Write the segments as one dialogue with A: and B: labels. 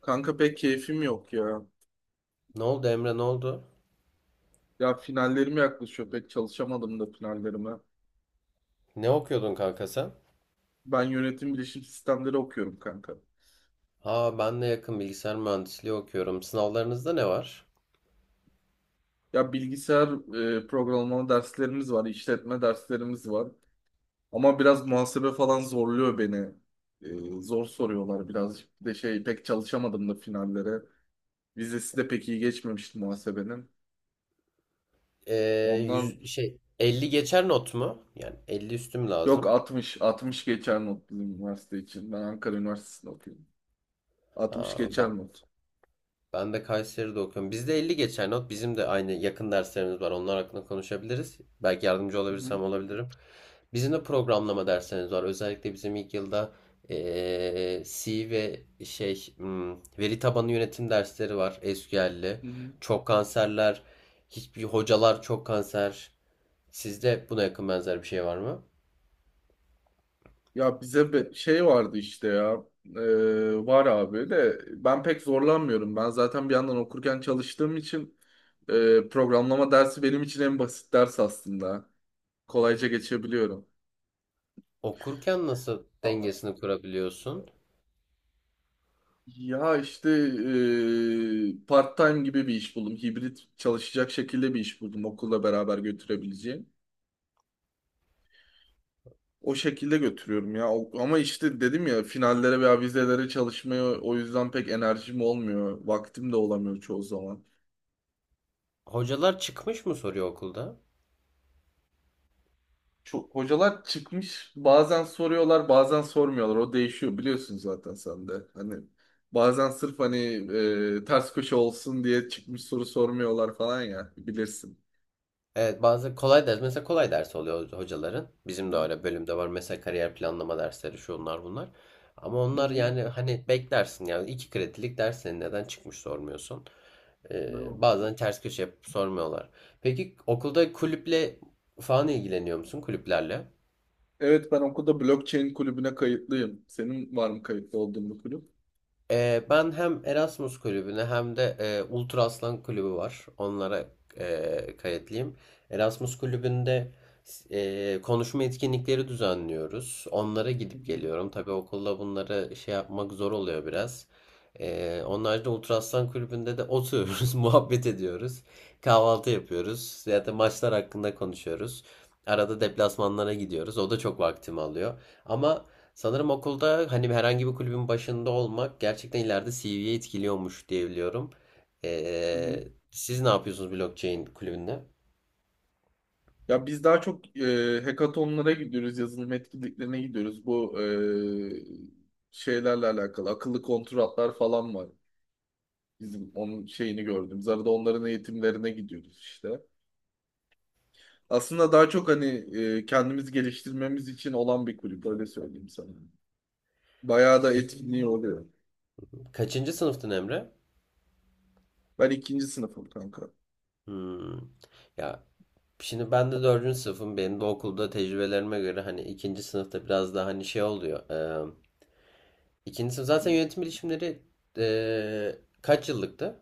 A: Kanka pek keyfim yok ya.
B: Ne oldu, Emre, ne oldu?
A: Ya finallerim yaklaşıyor. Pek çalışamadım da finallerime.
B: Ne okuyordun, kanka, sen?
A: Ben yönetim bilişim sistemleri okuyorum kanka.
B: Aa, ben de yakın bilgisayar mühendisliği okuyorum. Sınavlarınızda ne var?
A: Ya bilgisayar programlama derslerimiz var, işletme derslerimiz var. Ama biraz muhasebe falan zorluyor beni. Zor soruyorlar birazcık. Bir de şey pek çalışamadım da finallere. Vizesi de pek iyi geçmemişti muhasebenin. Ondan
B: Şey 50 geçer not mu? Yani 50 üstüm
A: yok
B: lazım.
A: 60, 60 geçer not bizim üniversite için. Ben Ankara Üniversitesi'nde okuyorum. 60
B: Aa,
A: geçer
B: ben,
A: not.
B: Ben de Kayseri'de okuyorum. Bizde 50 geçer not. Bizim de aynı yakın derslerimiz var. Onlar hakkında konuşabiliriz. Belki yardımcı
A: Hı hı.
B: olabilirsem olabilirim. Bizim de programlama derslerimiz var. Özellikle bizim ilk yılda C ve şey veri tabanı yönetim dersleri var. SQL'li.
A: Hı hı.
B: Çok kanserler. Hiçbir hocalar çok kanser. Sizde buna yakın benzer bir şey var mı?
A: Ya bize şey vardı işte ya. Var abi de ben pek zorlanmıyorum. Ben zaten bir yandan okurken çalıştığım için programlama dersi benim için en basit ders aslında. Kolayca geçebiliyorum.
B: Okurken nasıl
A: Aa.
B: dengesini kurabiliyorsun?
A: Ya işte part-time gibi bir iş buldum. Hibrit çalışacak şekilde bir iş buldum okulla beraber götürebileceğim. O şekilde götürüyorum ya. Ama işte dedim ya finallere veya vizelere çalışmaya o yüzden pek enerjim olmuyor. Vaktim de olamıyor çoğu zaman.
B: Hocalar çıkmış mı soruyor okulda?
A: Çok, hocalar çıkmış bazen soruyorlar bazen sormuyorlar o değişiyor biliyorsun zaten sen de hani bazen sırf hani ters köşe olsun diye çıkmış soru sormuyorlar falan ya bilirsin.
B: Evet, bazı kolay ders mesela kolay ders oluyor hocaların. Bizim de
A: Hı?
B: öyle bölümde var mesela kariyer planlama dersleri şu onlar bunlar. Ama onlar
A: Hı.
B: yani hani beklersin yani 2 kredilik ders senin neden çıkmış sormuyorsun.
A: Devam.
B: Bazen ters köşe yapıp sormuyorlar. Peki okulda kulüple falan ilgileniyor musun kulüplerle?
A: Evet, ben okulda blockchain kulübüne kayıtlıyım. Senin var mı kayıtlı olduğun bir kulüp?
B: Ben hem Erasmus kulübüne hem de Ultra Aslan kulübü var. Onlara kayıtlıyım. Erasmus kulübünde konuşma etkinlikleri düzenliyoruz. Onlara
A: Hı
B: gidip
A: hı.
B: geliyorum. Tabii okulda bunları şey yapmak zor oluyor biraz. Onun haricinde Ultra Aslan kulübünde de oturuyoruz, muhabbet ediyoruz. Kahvaltı yapıyoruz. Ya da maçlar hakkında konuşuyoruz. Arada deplasmanlara gidiyoruz. O da çok vaktimi alıyor. Ama sanırım okulda hani herhangi bir kulübün başında olmak gerçekten ileride CV'ye etkiliyormuş diye biliyorum.
A: Hı hı.
B: Siz ne yapıyorsunuz blockchain kulübünde?
A: Ya biz daha çok hackathonlara gidiyoruz, yazılım etkinliklerine gidiyoruz. Bu şeylerle alakalı akıllı kontratlar falan var. Bizim onun şeyini gördüm. Arada onların eğitimlerine gidiyoruz işte. Aslında daha çok hani kendimiz geliştirmemiz için olan bir kulüp öyle söyleyeyim sana. Bayağı da
B: Peki,
A: etkinliği oluyor.
B: kaçıncı sınıftın Emre?
A: Ben ikinci sınıfım kanka.
B: Hmm. Ya şimdi ben de dördüncü sınıfım. Benim de okulda tecrübelerime göre hani ikinci sınıfta biraz daha hani şey oluyor. İkinci sınıf zaten yönetim bilişimleri kaç yıllıktı?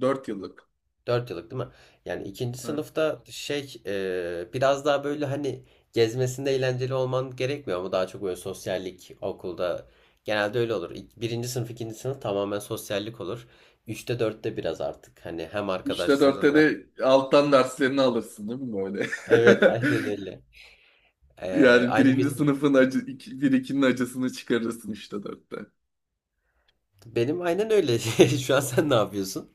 A: 4 yıllık.
B: 4 yıllık değil mi? Yani ikinci
A: Ha.
B: sınıfta şey biraz daha böyle hani gezmesinde eğlenceli olman gerekmiyor ama daha çok böyle sosyallik okulda genelde öyle olur. Birinci sınıf, ikinci sınıf tamamen sosyallik olur. Üçte dörtte biraz artık hani hem
A: Üçte dörtte
B: arkadaşlarınla.
A: de alttan derslerini alırsın değil mi böyle?
B: Evet, aynen öyle.
A: Yani
B: Aynı
A: birinci
B: benim
A: sınıfın acı, iki, bir ikinin acısını çıkarırsın üçte dörtte.
B: benim aynen öyle. Şu an sen ne yapıyorsun?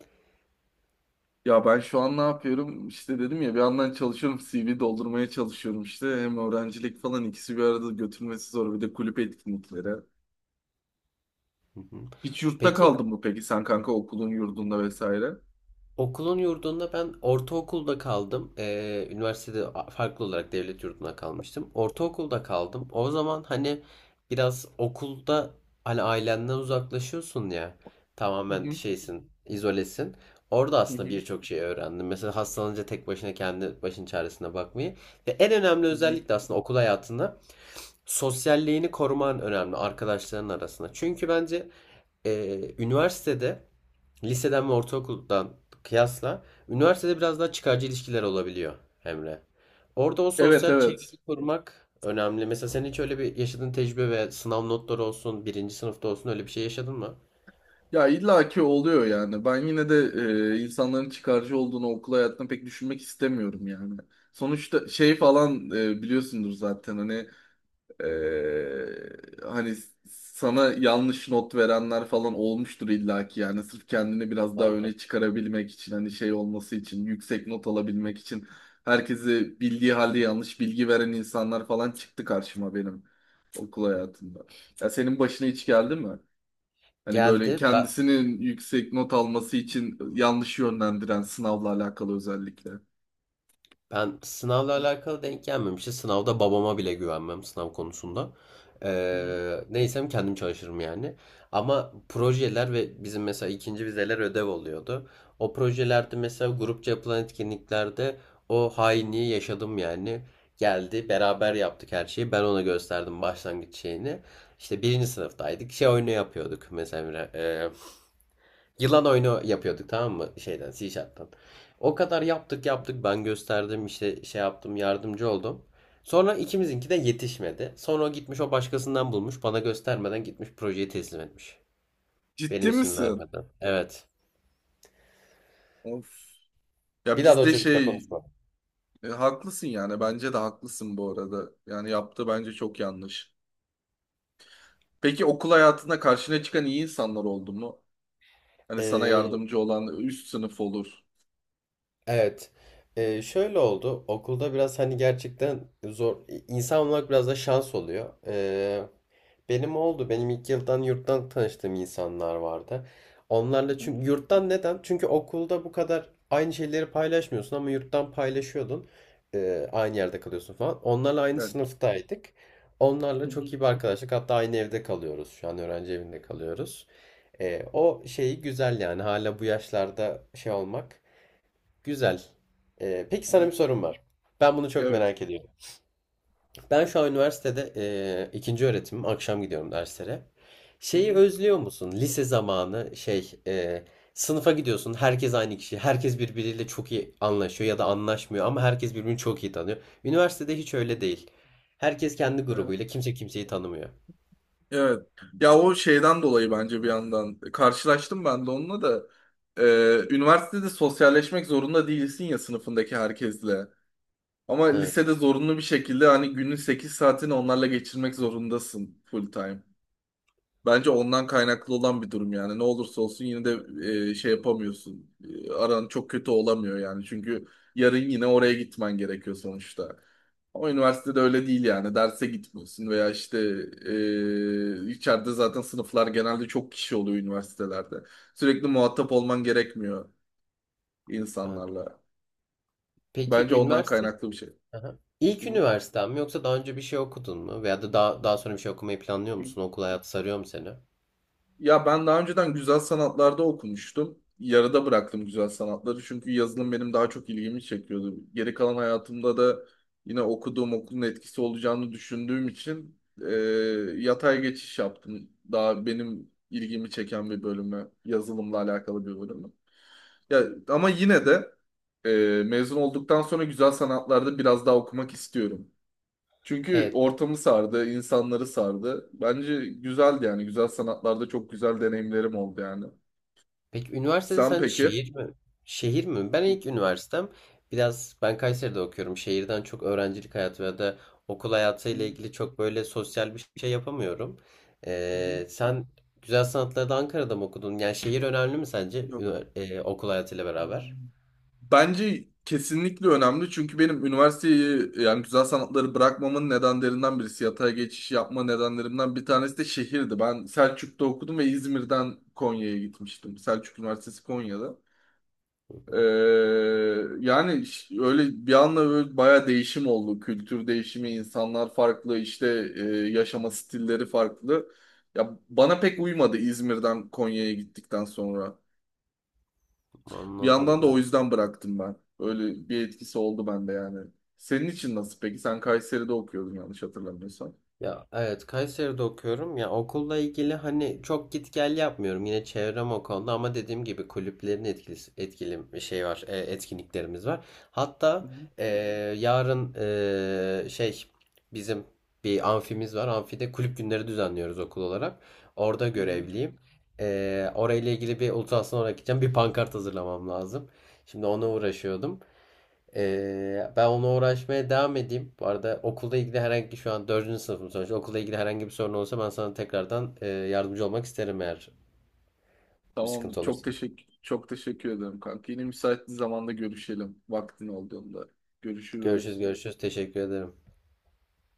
A: Ya ben şu an ne yapıyorum? İşte dedim ya bir yandan çalışıyorum, CV doldurmaya çalışıyorum işte. Hem öğrencilik falan ikisi bir arada götürmesi zor. Bir de kulüp etkinlikleri.
B: Hı hı.
A: Hiç yurtta
B: Peki,
A: kaldın mı peki sen kanka okulun yurdunda vesaire? Hı
B: okulun yurdunda ben ortaokulda kaldım. Üniversitede farklı olarak devlet yurduna kalmıştım. Ortaokulda kaldım. O zaman hani biraz okulda hani ailenden uzaklaşıyorsun ya. Tamamen
A: hı,
B: şeysin, izolesin. Orada
A: hı
B: aslında
A: hı,
B: birçok şey öğrendim. Mesela hastalanınca tek başına kendi başın çaresine bakmayı. Ve en önemli
A: hı hı.
B: özellik de aslında okul hayatında sosyalliğini koruman önemli arkadaşların arasında. Çünkü bence üniversitede liseden ve ortaokuldan kıyasla üniversitede biraz daha çıkarcı ilişkiler olabiliyor Emre. Orada o
A: Evet,
B: sosyal
A: evet.
B: çevreyi korumak önemli. Mesela senin hiç öyle bir yaşadığın tecrübe ve sınav notları olsun, birinci sınıfta olsun öyle bir şey yaşadın mı?
A: Ya illaki oluyor yani. Ben yine de insanların çıkarcı olduğunu okul hayatında pek düşünmek istemiyorum yani. Sonuçta şey falan biliyorsundur zaten hani. Ee, Hani sana yanlış not verenler falan olmuştur illaki, yani sırf kendini biraz daha
B: Oldu.
A: öne çıkarabilmek için, hani şey olması için, yüksek not alabilmek için herkesi bildiği halde yanlış bilgi veren insanlar falan çıktı karşıma benim okul hayatımda. Ya senin başına hiç geldi mi? Hani böyle
B: Geldi. Ben,
A: kendisinin yüksek not alması için yanlış yönlendiren, sınavla alakalı özellikle. Hı
B: Ben sınavla alakalı denk gelmemişti. Sınavda babama bile güvenmem sınav konusunda.
A: hı.
B: Neysem kendim çalışırım yani. Ama projeler ve bizim mesela ikinci vizeler ödev oluyordu. O projelerde mesela grupça yapılan etkinliklerde o hainliği yaşadım yani. Geldi beraber yaptık her şeyi. Ben ona gösterdim başlangıç şeyini. İşte birinci sınıftaydık. Şey oyunu yapıyorduk mesela. Yılan oyunu yapıyorduk tamam mı? Şeyden, C Sharp'tan. O kadar yaptık yaptık. Ben gösterdim işte şey yaptım yardımcı oldum. Sonra ikimizinki de yetişmedi. Sonra o gitmiş, o başkasından bulmuş. Bana göstermeden gitmiş projeyi teslim etmiş. Benim
A: Ciddi
B: isim
A: misin?
B: vermeden. Evet.
A: Of. Ya
B: Bir daha da o
A: bizde
B: çocukla
A: şey.
B: konuşma.
A: Haklısın yani. Bence de haklısın bu arada. Yani yaptığı bence çok yanlış. Peki okul hayatında karşına çıkan iyi insanlar oldu mu? Hani sana
B: Ee,
A: yardımcı olan üst sınıf olur.
B: evet. Şöyle oldu. Okulda biraz hani gerçekten zor. İnsan olmak biraz da şans oluyor. Benim oldu. Benim ilk yıldan yurttan tanıştığım insanlar vardı.
A: Hı
B: Onlarla
A: hı.
B: çünkü yurttan neden? Çünkü okulda bu kadar aynı şeyleri paylaşmıyorsun ama yurttan paylaşıyordun. Aynı yerde kalıyorsun falan. Onlarla aynı
A: Evet.
B: sınıftaydık. Onlarla
A: Hı
B: çok
A: hı.
B: iyi bir arkadaşlık. Hatta aynı evde kalıyoruz. Şu an öğrenci evinde kalıyoruz. O şeyi güzel yani. Hala bu yaşlarda şey olmak güzel. Peki
A: Hı
B: sana
A: hı.
B: bir sorum var. Ben bunu çok
A: Evet.
B: merak ediyorum. Ben şu an üniversitede ikinci öğretimim. Akşam gidiyorum derslere.
A: Hı
B: Şeyi
A: hı.
B: özlüyor musun? Lise zamanı şey sınıfa gidiyorsun. Herkes aynı kişi. Herkes birbiriyle çok iyi anlaşıyor ya da anlaşmıyor ama herkes birbirini çok iyi tanıyor. Üniversitede hiç
A: Hı
B: öyle değil. Herkes kendi
A: hı.
B: grubuyla. Kimse kimseyi tanımıyor.
A: Evet. Ya o şeyden dolayı bence bir yandan karşılaştım ben de onunla da. Üniversitede sosyalleşmek zorunda değilsin ya, sınıfındaki herkesle. Ama
B: Evet.
A: lisede zorunlu bir şekilde hani günün 8 saatini onlarla geçirmek zorundasın, full time. Bence ondan kaynaklı olan bir durum yani. Ne olursa olsun yine de şey yapamıyorsun. Aran çok kötü olamıyor yani. Çünkü yarın yine oraya gitmen gerekiyor sonuçta. Ama üniversitede öyle değil yani. Derse gitmiyorsun veya işte içeride zaten sınıflar genelde çok kişi oluyor üniversitelerde. Sürekli muhatap olman gerekmiyor
B: Evet.
A: insanlarla.
B: Peki
A: Bence ondan
B: üniversite?
A: kaynaklı bir şey.
B: Aha. İlk üniversiten mi yoksa daha önce bir şey okudun mu? Veya da daha sonra bir şey okumayı planlıyor
A: Hı?
B: musun? Okul hayatı sarıyor mu seni?
A: Ya ben daha önceden güzel sanatlarda okumuştum. Yarıda bıraktım güzel sanatları çünkü yazılım benim daha çok ilgimi çekiyordu. Geri kalan hayatımda da yine okuduğum okulun etkisi olacağını düşündüğüm için e, yatay geçiş yaptım. Daha benim ilgimi çeken bir bölüme, yazılımla alakalı bir bölüme. Ya ama yine de mezun olduktan sonra güzel sanatlarda biraz daha okumak istiyorum. Çünkü
B: Evet.
A: ortamı sardı, insanları sardı. Bence güzeldi yani. Güzel sanatlarda çok güzel deneyimlerim oldu yani.
B: Peki üniversitede
A: Sen
B: sence
A: peki? Hı
B: şehir mi? Şehir mi? Ben ilk üniversitem biraz ben Kayseri'de okuyorum. Şehirden çok öğrencilik hayatı ya da okul hayatı ile
A: hı,
B: ilgili çok böyle sosyal bir şey yapamıyorum.
A: hı hı.
B: Sen güzel sanatları da Ankara'da mı okudun? Yani şehir önemli mi sence
A: Yok.
B: okul hayatıyla beraber?
A: Bence kesinlikle önemli, çünkü benim üniversiteyi yani güzel sanatları bırakmamın nedenlerinden birisi, yatay geçiş yapma nedenlerimden bir tanesi de şehirdi. Ben Selçuk'ta okudum ve İzmir'den Konya'ya gitmiştim. Selçuk Üniversitesi Konya'da. Ee, Yani öyle bir anda böyle bayağı değişim oldu. Kültür değişimi, insanlar farklı, işte e, yaşama stilleri farklı. Ya bana pek uymadı İzmir'den Konya'ya gittikten sonra. Bir
B: Anladım.
A: yandan da o yüzden bıraktım ben. Öyle bir etkisi oldu bende yani. Senin için nasıl peki? Sen Kayseri'de okuyordun yanlış hatırlamıyorsam.
B: Ya, evet, Kayseri'de okuyorum. Ya okulla ilgili hani çok git gel yapmıyorum. Yine çevrem o konuda ama dediğim gibi kulüplerin etkili etkili bir şey var. Etkinliklerimiz var.
A: Hı
B: Hatta
A: hı.
B: e, yarın şey bizim bir amfimiz var. Amfide kulüp günleri düzenliyoruz okul olarak. Orada
A: Hı hı.
B: görevliyim. Orayla ilgili bir ultrasona gideceğim. Bir pankart hazırlamam lazım. Şimdi ona uğraşıyordum. Ben ona uğraşmaya devam edeyim. Bu arada okulda ilgili herhangi şu an dördüncü sınıfım sonuçta. Okulda ilgili herhangi bir sorun olursa ben sana tekrardan yardımcı olmak isterim eğer bir
A: Tamamdır.
B: sıkıntı
A: Çok
B: olursa.
A: teşekkür çok teşekkür ederim kanka. Yine müsait bir zamanda görüşelim. Vaktin olduğunda.
B: Görüşürüz,
A: Görüşürüz.
B: görüşürüz. Teşekkür ederim.